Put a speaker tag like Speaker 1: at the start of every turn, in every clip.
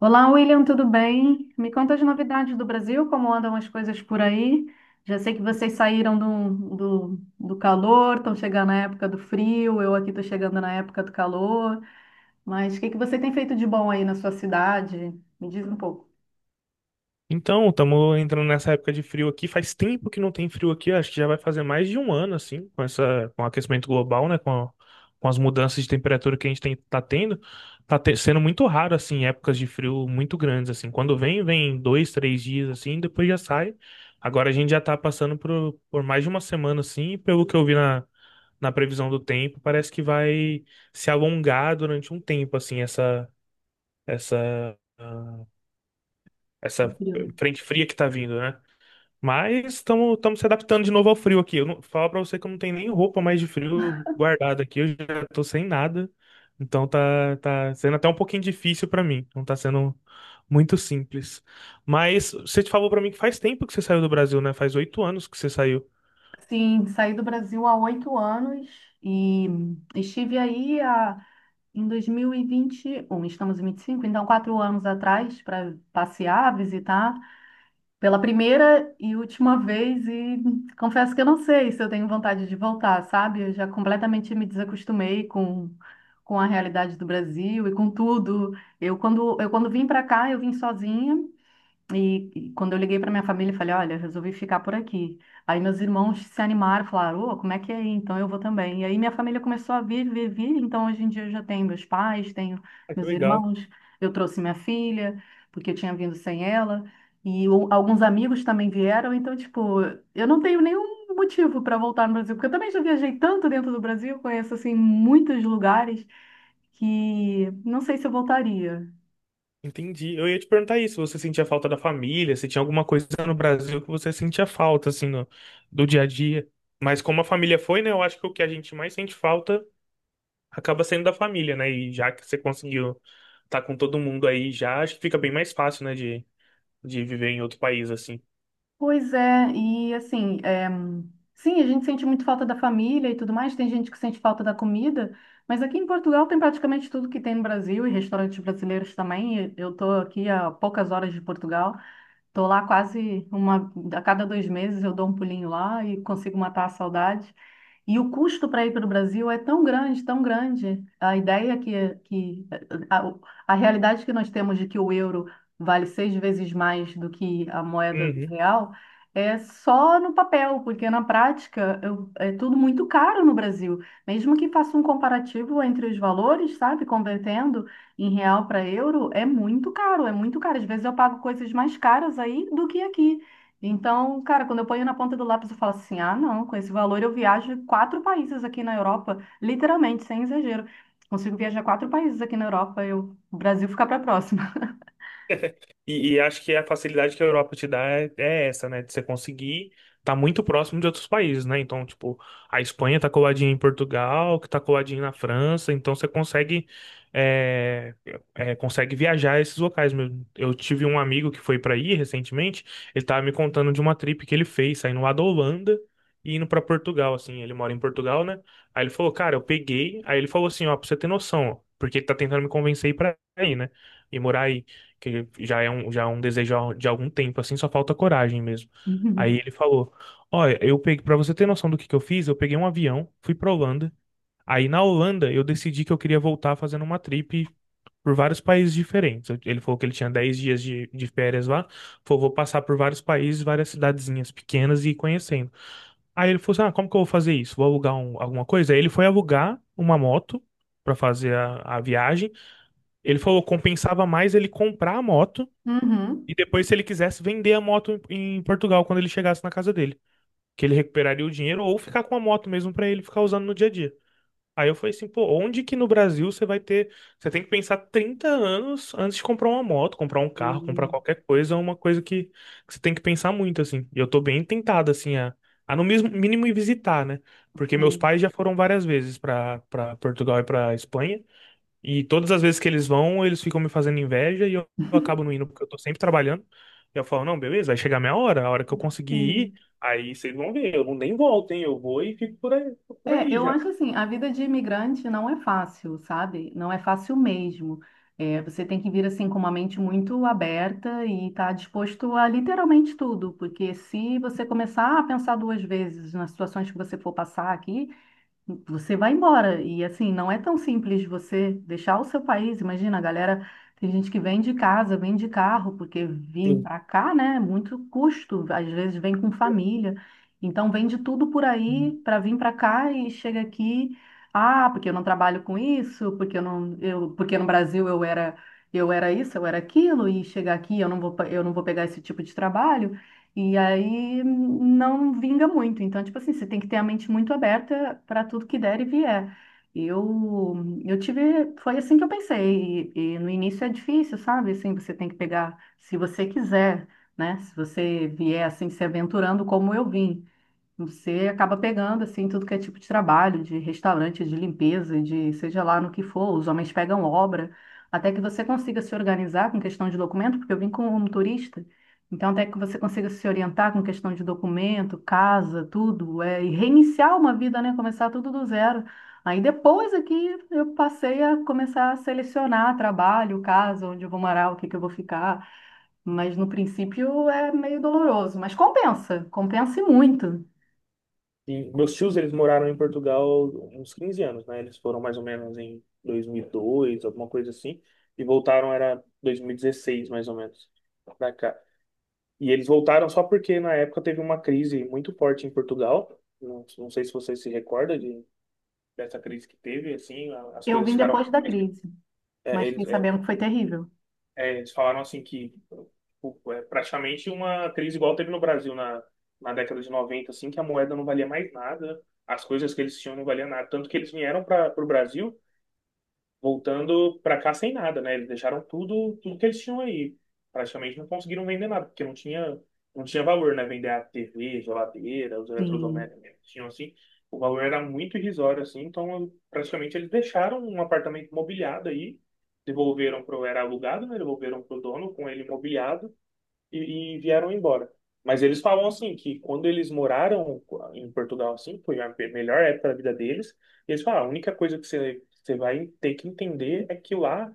Speaker 1: Olá, William, tudo bem? Me conta as novidades do Brasil, como andam as coisas por aí? Já sei que vocês saíram do calor, estão chegando na época do frio, eu aqui estou chegando na época do calor, mas o que que você tem feito de bom aí na sua cidade? Me diz um pouco.
Speaker 2: Então, estamos entrando nessa época de frio aqui. Faz tempo que não tem frio aqui, acho que já vai fazer mais de um ano, assim, com com o aquecimento global, né? Com as mudanças de temperatura que a gente tá tendo. Sendo muito raro, assim, épocas de frio muito grandes, assim. Quando vem 2, 3 dias, assim, depois já sai. Agora a gente já tá passando por mais de uma semana, assim, e pelo que eu vi na previsão do tempo, parece que vai se alongar durante um tempo, assim, essa, ah,
Speaker 1: Do
Speaker 2: essa
Speaker 1: frio, né?
Speaker 2: frente fria que tá vindo, né? Mas estamos se adaptando de novo ao frio aqui. Eu não, falo pra você que eu não tenho nem roupa mais de frio guardada aqui. Eu já tô sem nada. Então tá sendo até um pouquinho difícil pra mim. Não tá sendo muito simples. Mas você te falou pra mim que faz tempo que você saiu do Brasil, né? Faz 8 anos que você saiu.
Speaker 1: Sim, saí do Brasil há 8 anos e estive em 2021, estamos em 25, então 4 anos atrás, para passear, visitar pela primeira e última vez. E confesso que eu não sei se eu tenho vontade de voltar, sabe? Eu já completamente me desacostumei com a realidade do Brasil e com tudo. Eu, quando vim para cá, eu vim sozinha e quando eu liguei para minha família, eu falei, olha, resolvi ficar por aqui. Aí meus irmãos se animaram, falaram, ô, como é que é aí? Então eu vou também. E aí minha família começou a vir, vir, vir. Então hoje em dia eu já tenho meus pais, tenho
Speaker 2: Ah, que
Speaker 1: meus
Speaker 2: legal.
Speaker 1: irmãos. Eu trouxe minha filha, porque eu tinha vindo sem ela. E alguns amigos também vieram. Então, tipo, eu não tenho nenhum motivo para voltar no Brasil, porque eu também já viajei tanto dentro do Brasil, conheço, assim, muitos lugares, que não sei se eu voltaria.
Speaker 2: Entendi. Eu ia te perguntar isso, você sentia falta da família, se tinha alguma coisa no Brasil que você sentia falta, assim, do dia a dia. Mas como a família foi, né, eu acho que o que a gente mais sente falta acaba sendo da família, né? E já que você conseguiu estar com todo mundo aí já, acho que fica bem mais fácil, né, de viver em outro país, assim.
Speaker 1: Pois é, e assim, é, sim, a gente sente muito falta da família e tudo mais, tem gente que sente falta da comida, mas aqui em Portugal tem praticamente tudo que tem no Brasil e restaurantes brasileiros também. E Eu estou aqui a poucas horas de Portugal, estou lá quase a cada 2 meses eu dou um pulinho lá e consigo matar a saudade. E o custo para ir para o Brasil é tão grande, tão grande. A ideia que a, a realidade que nós temos de que o euro vale 6 vezes mais do que a moeda do real é só no papel, porque na prática é tudo muito caro no Brasil. Mesmo que faça um comparativo entre os valores, sabe, convertendo em real para euro, é muito caro, é muito caro. Às vezes eu pago coisas mais caras aí do que aqui. Então, cara, quando eu ponho na ponta do lápis, eu falo assim: ah, não, com esse valor eu viajo quatro países aqui na Europa, literalmente, sem exagero. Consigo viajar quatro países aqui na Europa, o Brasil fica para próxima.
Speaker 2: E acho que a facilidade que a Europa te dá é essa, né? De você conseguir estar muito próximo de outros países, né? Então, tipo, a Espanha tá coladinha em Portugal, que tá coladinha na França, então você é, consegue viajar a esses locais mesmo. Eu tive um amigo que foi para aí recentemente, ele tava me contando de uma trip que ele fez, saindo lá da Holanda e indo para Portugal, assim. Ele mora em Portugal, né? Aí ele falou, cara, eu peguei. Aí ele falou assim, ó, pra você ter noção, ó, porque ele tá tentando me convencer a ir pra aí, né? E morar aí que já é um desejo de algum tempo, assim, só falta coragem mesmo. Aí ele falou: olha, eu peguei, pra você ter noção do que eu fiz, eu peguei um avião, fui pra Holanda. Aí na Holanda eu decidi que eu queria voltar fazendo uma trip por vários países diferentes. Ele falou que ele tinha 10 dias de férias lá, falou: vou passar por vários países, várias cidadezinhas pequenas e ir conhecendo. Aí ele falou assim: ah, como que eu vou fazer isso? Vou alugar alguma coisa? Aí ele foi alugar uma moto. Pra fazer a viagem. Ele falou que compensava mais ele comprar a moto
Speaker 1: Uhum.
Speaker 2: e
Speaker 1: Uhum.
Speaker 2: depois, se ele quisesse vender a moto em Portugal quando ele chegasse na casa dele, que ele recuperaria o dinheiro ou ficar com a moto mesmo pra ele ficar usando no dia a dia. Aí eu falei assim, pô, onde que no Brasil você vai ter. Você tem que pensar 30 anos antes de comprar uma moto, comprar um carro, comprar
Speaker 1: Sim,
Speaker 2: qualquer coisa, é uma coisa que você tem que pensar muito, assim. E eu tô bem tentado, assim, a no mesmo mínimo ir visitar, né? Porque meus
Speaker 1: sim,
Speaker 2: pais já foram várias vezes pra para Portugal e pra Espanha. E todas as vezes que eles vão, eles ficam me fazendo inveja e eu acabo não indo porque eu tô sempre trabalhando. E eu falo, não, beleza, vai chegar a minha hora, a hora que eu conseguir ir,
Speaker 1: sim.
Speaker 2: aí vocês vão ver, eu não nem volto, hein? Eu vou e fico por
Speaker 1: É,
Speaker 2: aí
Speaker 1: eu
Speaker 2: já.
Speaker 1: acho assim, a vida de imigrante não é fácil, sabe? Não é fácil mesmo. É, você tem que vir assim com uma mente muito aberta e estar disposto a literalmente tudo, porque se você começar a pensar 2 vezes nas situações que você for passar aqui, você vai embora. E assim, não é tão simples você deixar o seu país. Imagina, a galera, tem gente que vem de casa, vem de carro, porque vir
Speaker 2: Sim.
Speaker 1: para cá, né, é muito custo. Às vezes vem com família. Então vende tudo por aí para vir para cá e chega aqui, ah, porque eu não trabalho com isso, porque no Brasil eu era isso, eu era aquilo, e chegar aqui eu não vou, eu não vou pegar esse tipo de trabalho. E aí não vinga muito. Então, tipo assim, você tem que ter a mente muito aberta para tudo que der e vier. Eu, eu tive, foi assim que eu pensei. E no início é difícil, sabe? Assim, você tem que pegar, se você quiser, né? Se você vier assim se aventurando como eu vim. Você acaba pegando assim tudo que é tipo de trabalho, de restaurante, de limpeza, de seja lá no que for, os homens pegam obra, até que você consiga se organizar com questão de documento, porque eu vim como um turista, então até que você consiga se orientar com questão de documento, casa, tudo, e reiniciar uma vida, né? Começar tudo do zero. Aí depois aqui eu passei a começar a selecionar trabalho, casa, onde eu vou morar, o que que eu vou ficar, mas no princípio é meio doloroso, mas compensa, compensa e muito.
Speaker 2: E meus tios, eles moraram em Portugal uns 15 anos, né? Eles foram mais ou menos em 2002, alguma coisa assim, e voltaram era 2016, mais ou menos, pra cá. E eles voltaram só porque na época teve uma crise muito forte em Portugal. Não, não sei se você se recorda de dessa crise que teve, assim, as
Speaker 1: Eu
Speaker 2: coisas
Speaker 1: vim
Speaker 2: ficaram.
Speaker 1: depois da crise,
Speaker 2: É,
Speaker 1: mas
Speaker 2: eles,
Speaker 1: fiquei
Speaker 2: é,
Speaker 1: sabendo que foi terrível.
Speaker 2: Eles falaram assim que tipo, é praticamente uma crise igual teve no Brasil na década de 90, assim, que a moeda não valia mais nada, as coisas que eles tinham não valiam nada. Tanto que eles vieram para o Brasil voltando para cá sem nada, né? Eles deixaram tudo, tudo que eles tinham aí. Praticamente não conseguiram vender nada, porque não tinha valor, né? Vender a TV, geladeira, os
Speaker 1: Sim.
Speaker 2: eletrodomésticos que tinham assim, o valor era muito irrisório, assim, então praticamente eles deixaram um apartamento mobiliado aí, devolveram era alugado, né? Devolveram pro dono com ele mobiliado e vieram embora. Mas eles falam assim que quando eles moraram em Portugal, assim, foi a melhor época da vida deles. E eles falam: "Ah, a única coisa que você vai ter que entender é que lá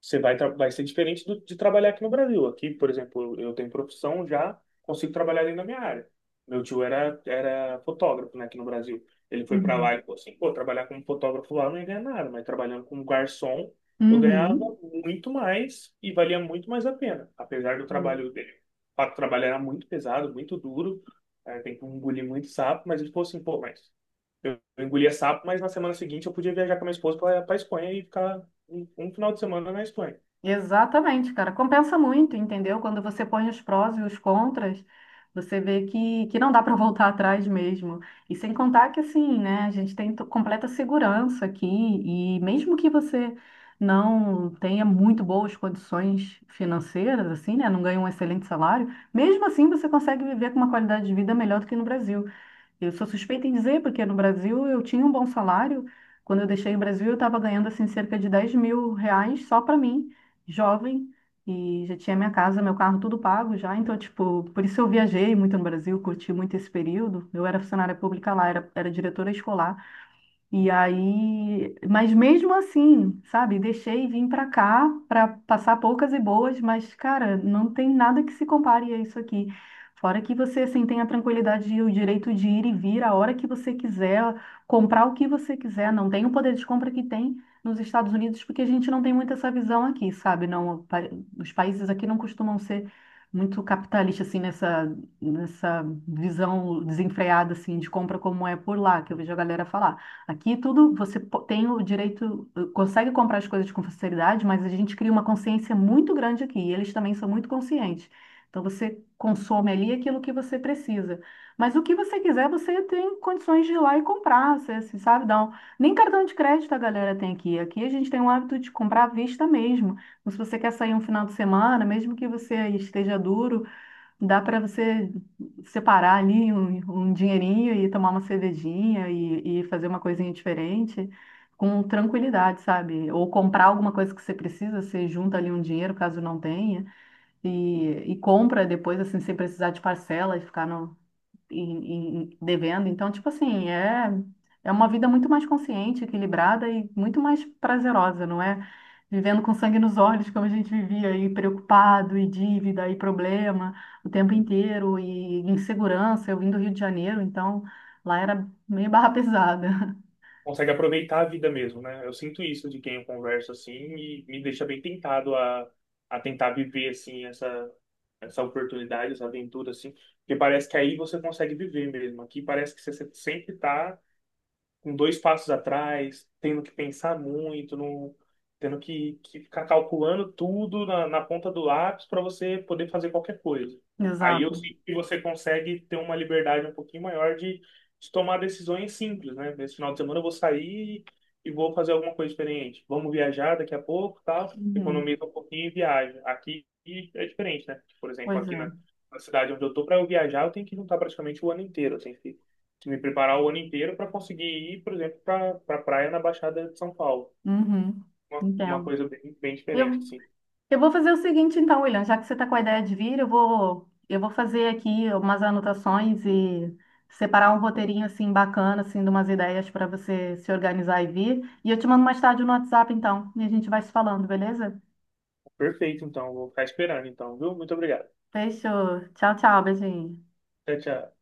Speaker 2: você vai ser diferente de trabalhar aqui no Brasil. Aqui, por exemplo, eu tenho profissão já, consigo trabalhar dentro da minha área. Meu tio era fotógrafo, né, aqui no Brasil. Ele foi para lá
Speaker 1: Uhum.
Speaker 2: e falou assim, pô, trabalhar como fotógrafo lá eu não ia ganhar nada, mas trabalhando como garçom eu ganhava
Speaker 1: Uhum.
Speaker 2: muito mais e valia muito mais a pena. Apesar do
Speaker 1: Uhum.
Speaker 2: trabalho dele fato, o trabalho era muito pesado, muito duro, é, tem que engolir muito sapo, mas ele falou assim, pô, mas eu engolia sapo, mas na semana seguinte eu podia viajar com a minha esposa para Espanha e ficar um final de semana na Espanha".
Speaker 1: Exatamente, cara. Compensa muito, entendeu? Quando você põe os prós e os contras, você vê que não dá para voltar atrás mesmo. E sem contar que, assim, né, a gente tem completa segurança aqui, e mesmo que você não tenha muito boas condições financeiras, assim, né, não ganhe um excelente salário, mesmo assim você consegue viver com uma qualidade de vida melhor do que no Brasil. Eu sou suspeita em dizer, porque no Brasil eu tinha um bom salário. Quando eu deixei o Brasil, eu estava ganhando assim cerca de 10 mil reais só para mim, jovem, e já tinha minha casa, meu carro, tudo pago já. Então, tipo, por isso eu viajei muito no Brasil, curti muito esse período. Eu era funcionária pública lá, era, era diretora escolar. E aí, mas mesmo assim, sabe, deixei vir para cá para passar poucas e boas, mas cara, não tem nada que se compare a isso aqui. Fora que você assim tem a tranquilidade e o direito de ir e vir a hora que você quiser, comprar o que você quiser, não tem o poder de compra que tem nos Estados Unidos, porque a gente não tem muito essa visão aqui, sabe? Não, os países aqui não costumam ser muito capitalistas assim nessa visão desenfreada assim de compra como é por lá, que eu vejo a galera falar. Aqui tudo você tem o direito, consegue comprar as coisas com facilidade, mas a gente cria uma consciência muito grande aqui. E eles também são muito conscientes. Então você consome ali aquilo que você precisa. Mas o que você quiser, você tem condições de ir lá e comprar. Você, assim, sabe, dá um- Nem cartão de crédito a galera tem aqui. Aqui a gente tem o hábito de comprar à vista mesmo. Então, se você quer sair um final de semana, mesmo que você esteja duro, dá para você separar ali um, um dinheirinho e tomar uma cervejinha e fazer uma coisinha diferente com tranquilidade, sabe? Ou comprar alguma coisa que você precisa, você junta ali um dinheiro caso não tenha e compra depois, assim, sem precisar de parcela e ficar no, devendo. Então, tipo assim, é, é uma vida muito mais consciente, equilibrada e muito mais prazerosa, não é? Vivendo com sangue nos olhos, como a gente vivia aí, preocupado, e dívida, e problema o tempo inteiro, e insegurança. Eu vim do Rio de Janeiro, então lá era meio barra pesada.
Speaker 2: Consegue aproveitar a vida mesmo, né? Eu sinto isso de quem eu converso assim e me deixa bem tentado a tentar viver assim essa oportunidade, essa aventura assim, porque parece que aí você consegue viver mesmo. Aqui parece que você sempre está com dois passos atrás, tendo que pensar muito, não, tendo que ficar calculando tudo na ponta do lápis para você poder fazer qualquer coisa. Aí eu
Speaker 1: Exato.
Speaker 2: sinto que você consegue ter uma liberdade um pouquinho maior de tomar decisões simples, né? Nesse final de semana eu vou sair e vou fazer alguma coisa diferente. Vamos viajar daqui a pouco, tal,
Speaker 1: Uhum.
Speaker 2: economiza um pouquinho e viaja. Aqui é diferente, né? Por exemplo,
Speaker 1: Pois
Speaker 2: aqui
Speaker 1: é.
Speaker 2: na cidade onde eu tô, para eu viajar, eu tenho que juntar praticamente o ano inteiro, eu tenho que me preparar o ano inteiro para conseguir ir, por exemplo, para pra pra praia na Baixada de São Paulo.
Speaker 1: Uhum.
Speaker 2: Uma
Speaker 1: Entendo.
Speaker 2: coisa bem, bem
Speaker 1: Eu,
Speaker 2: diferente, assim.
Speaker 1: eu vou fazer o seguinte, então, William, já que você está com a ideia de vir, eu vou fazer aqui umas anotações e separar um roteirinho assim bacana, assim, de umas ideias para você se organizar e vir. E eu te mando mais tarde no WhatsApp, então, e a gente vai se falando, beleza?
Speaker 2: Perfeito, então. Vou ficar esperando, então, viu? Muito obrigado.
Speaker 1: Fechou. Tchau, tchau, beijinho.
Speaker 2: Tchau, tchau.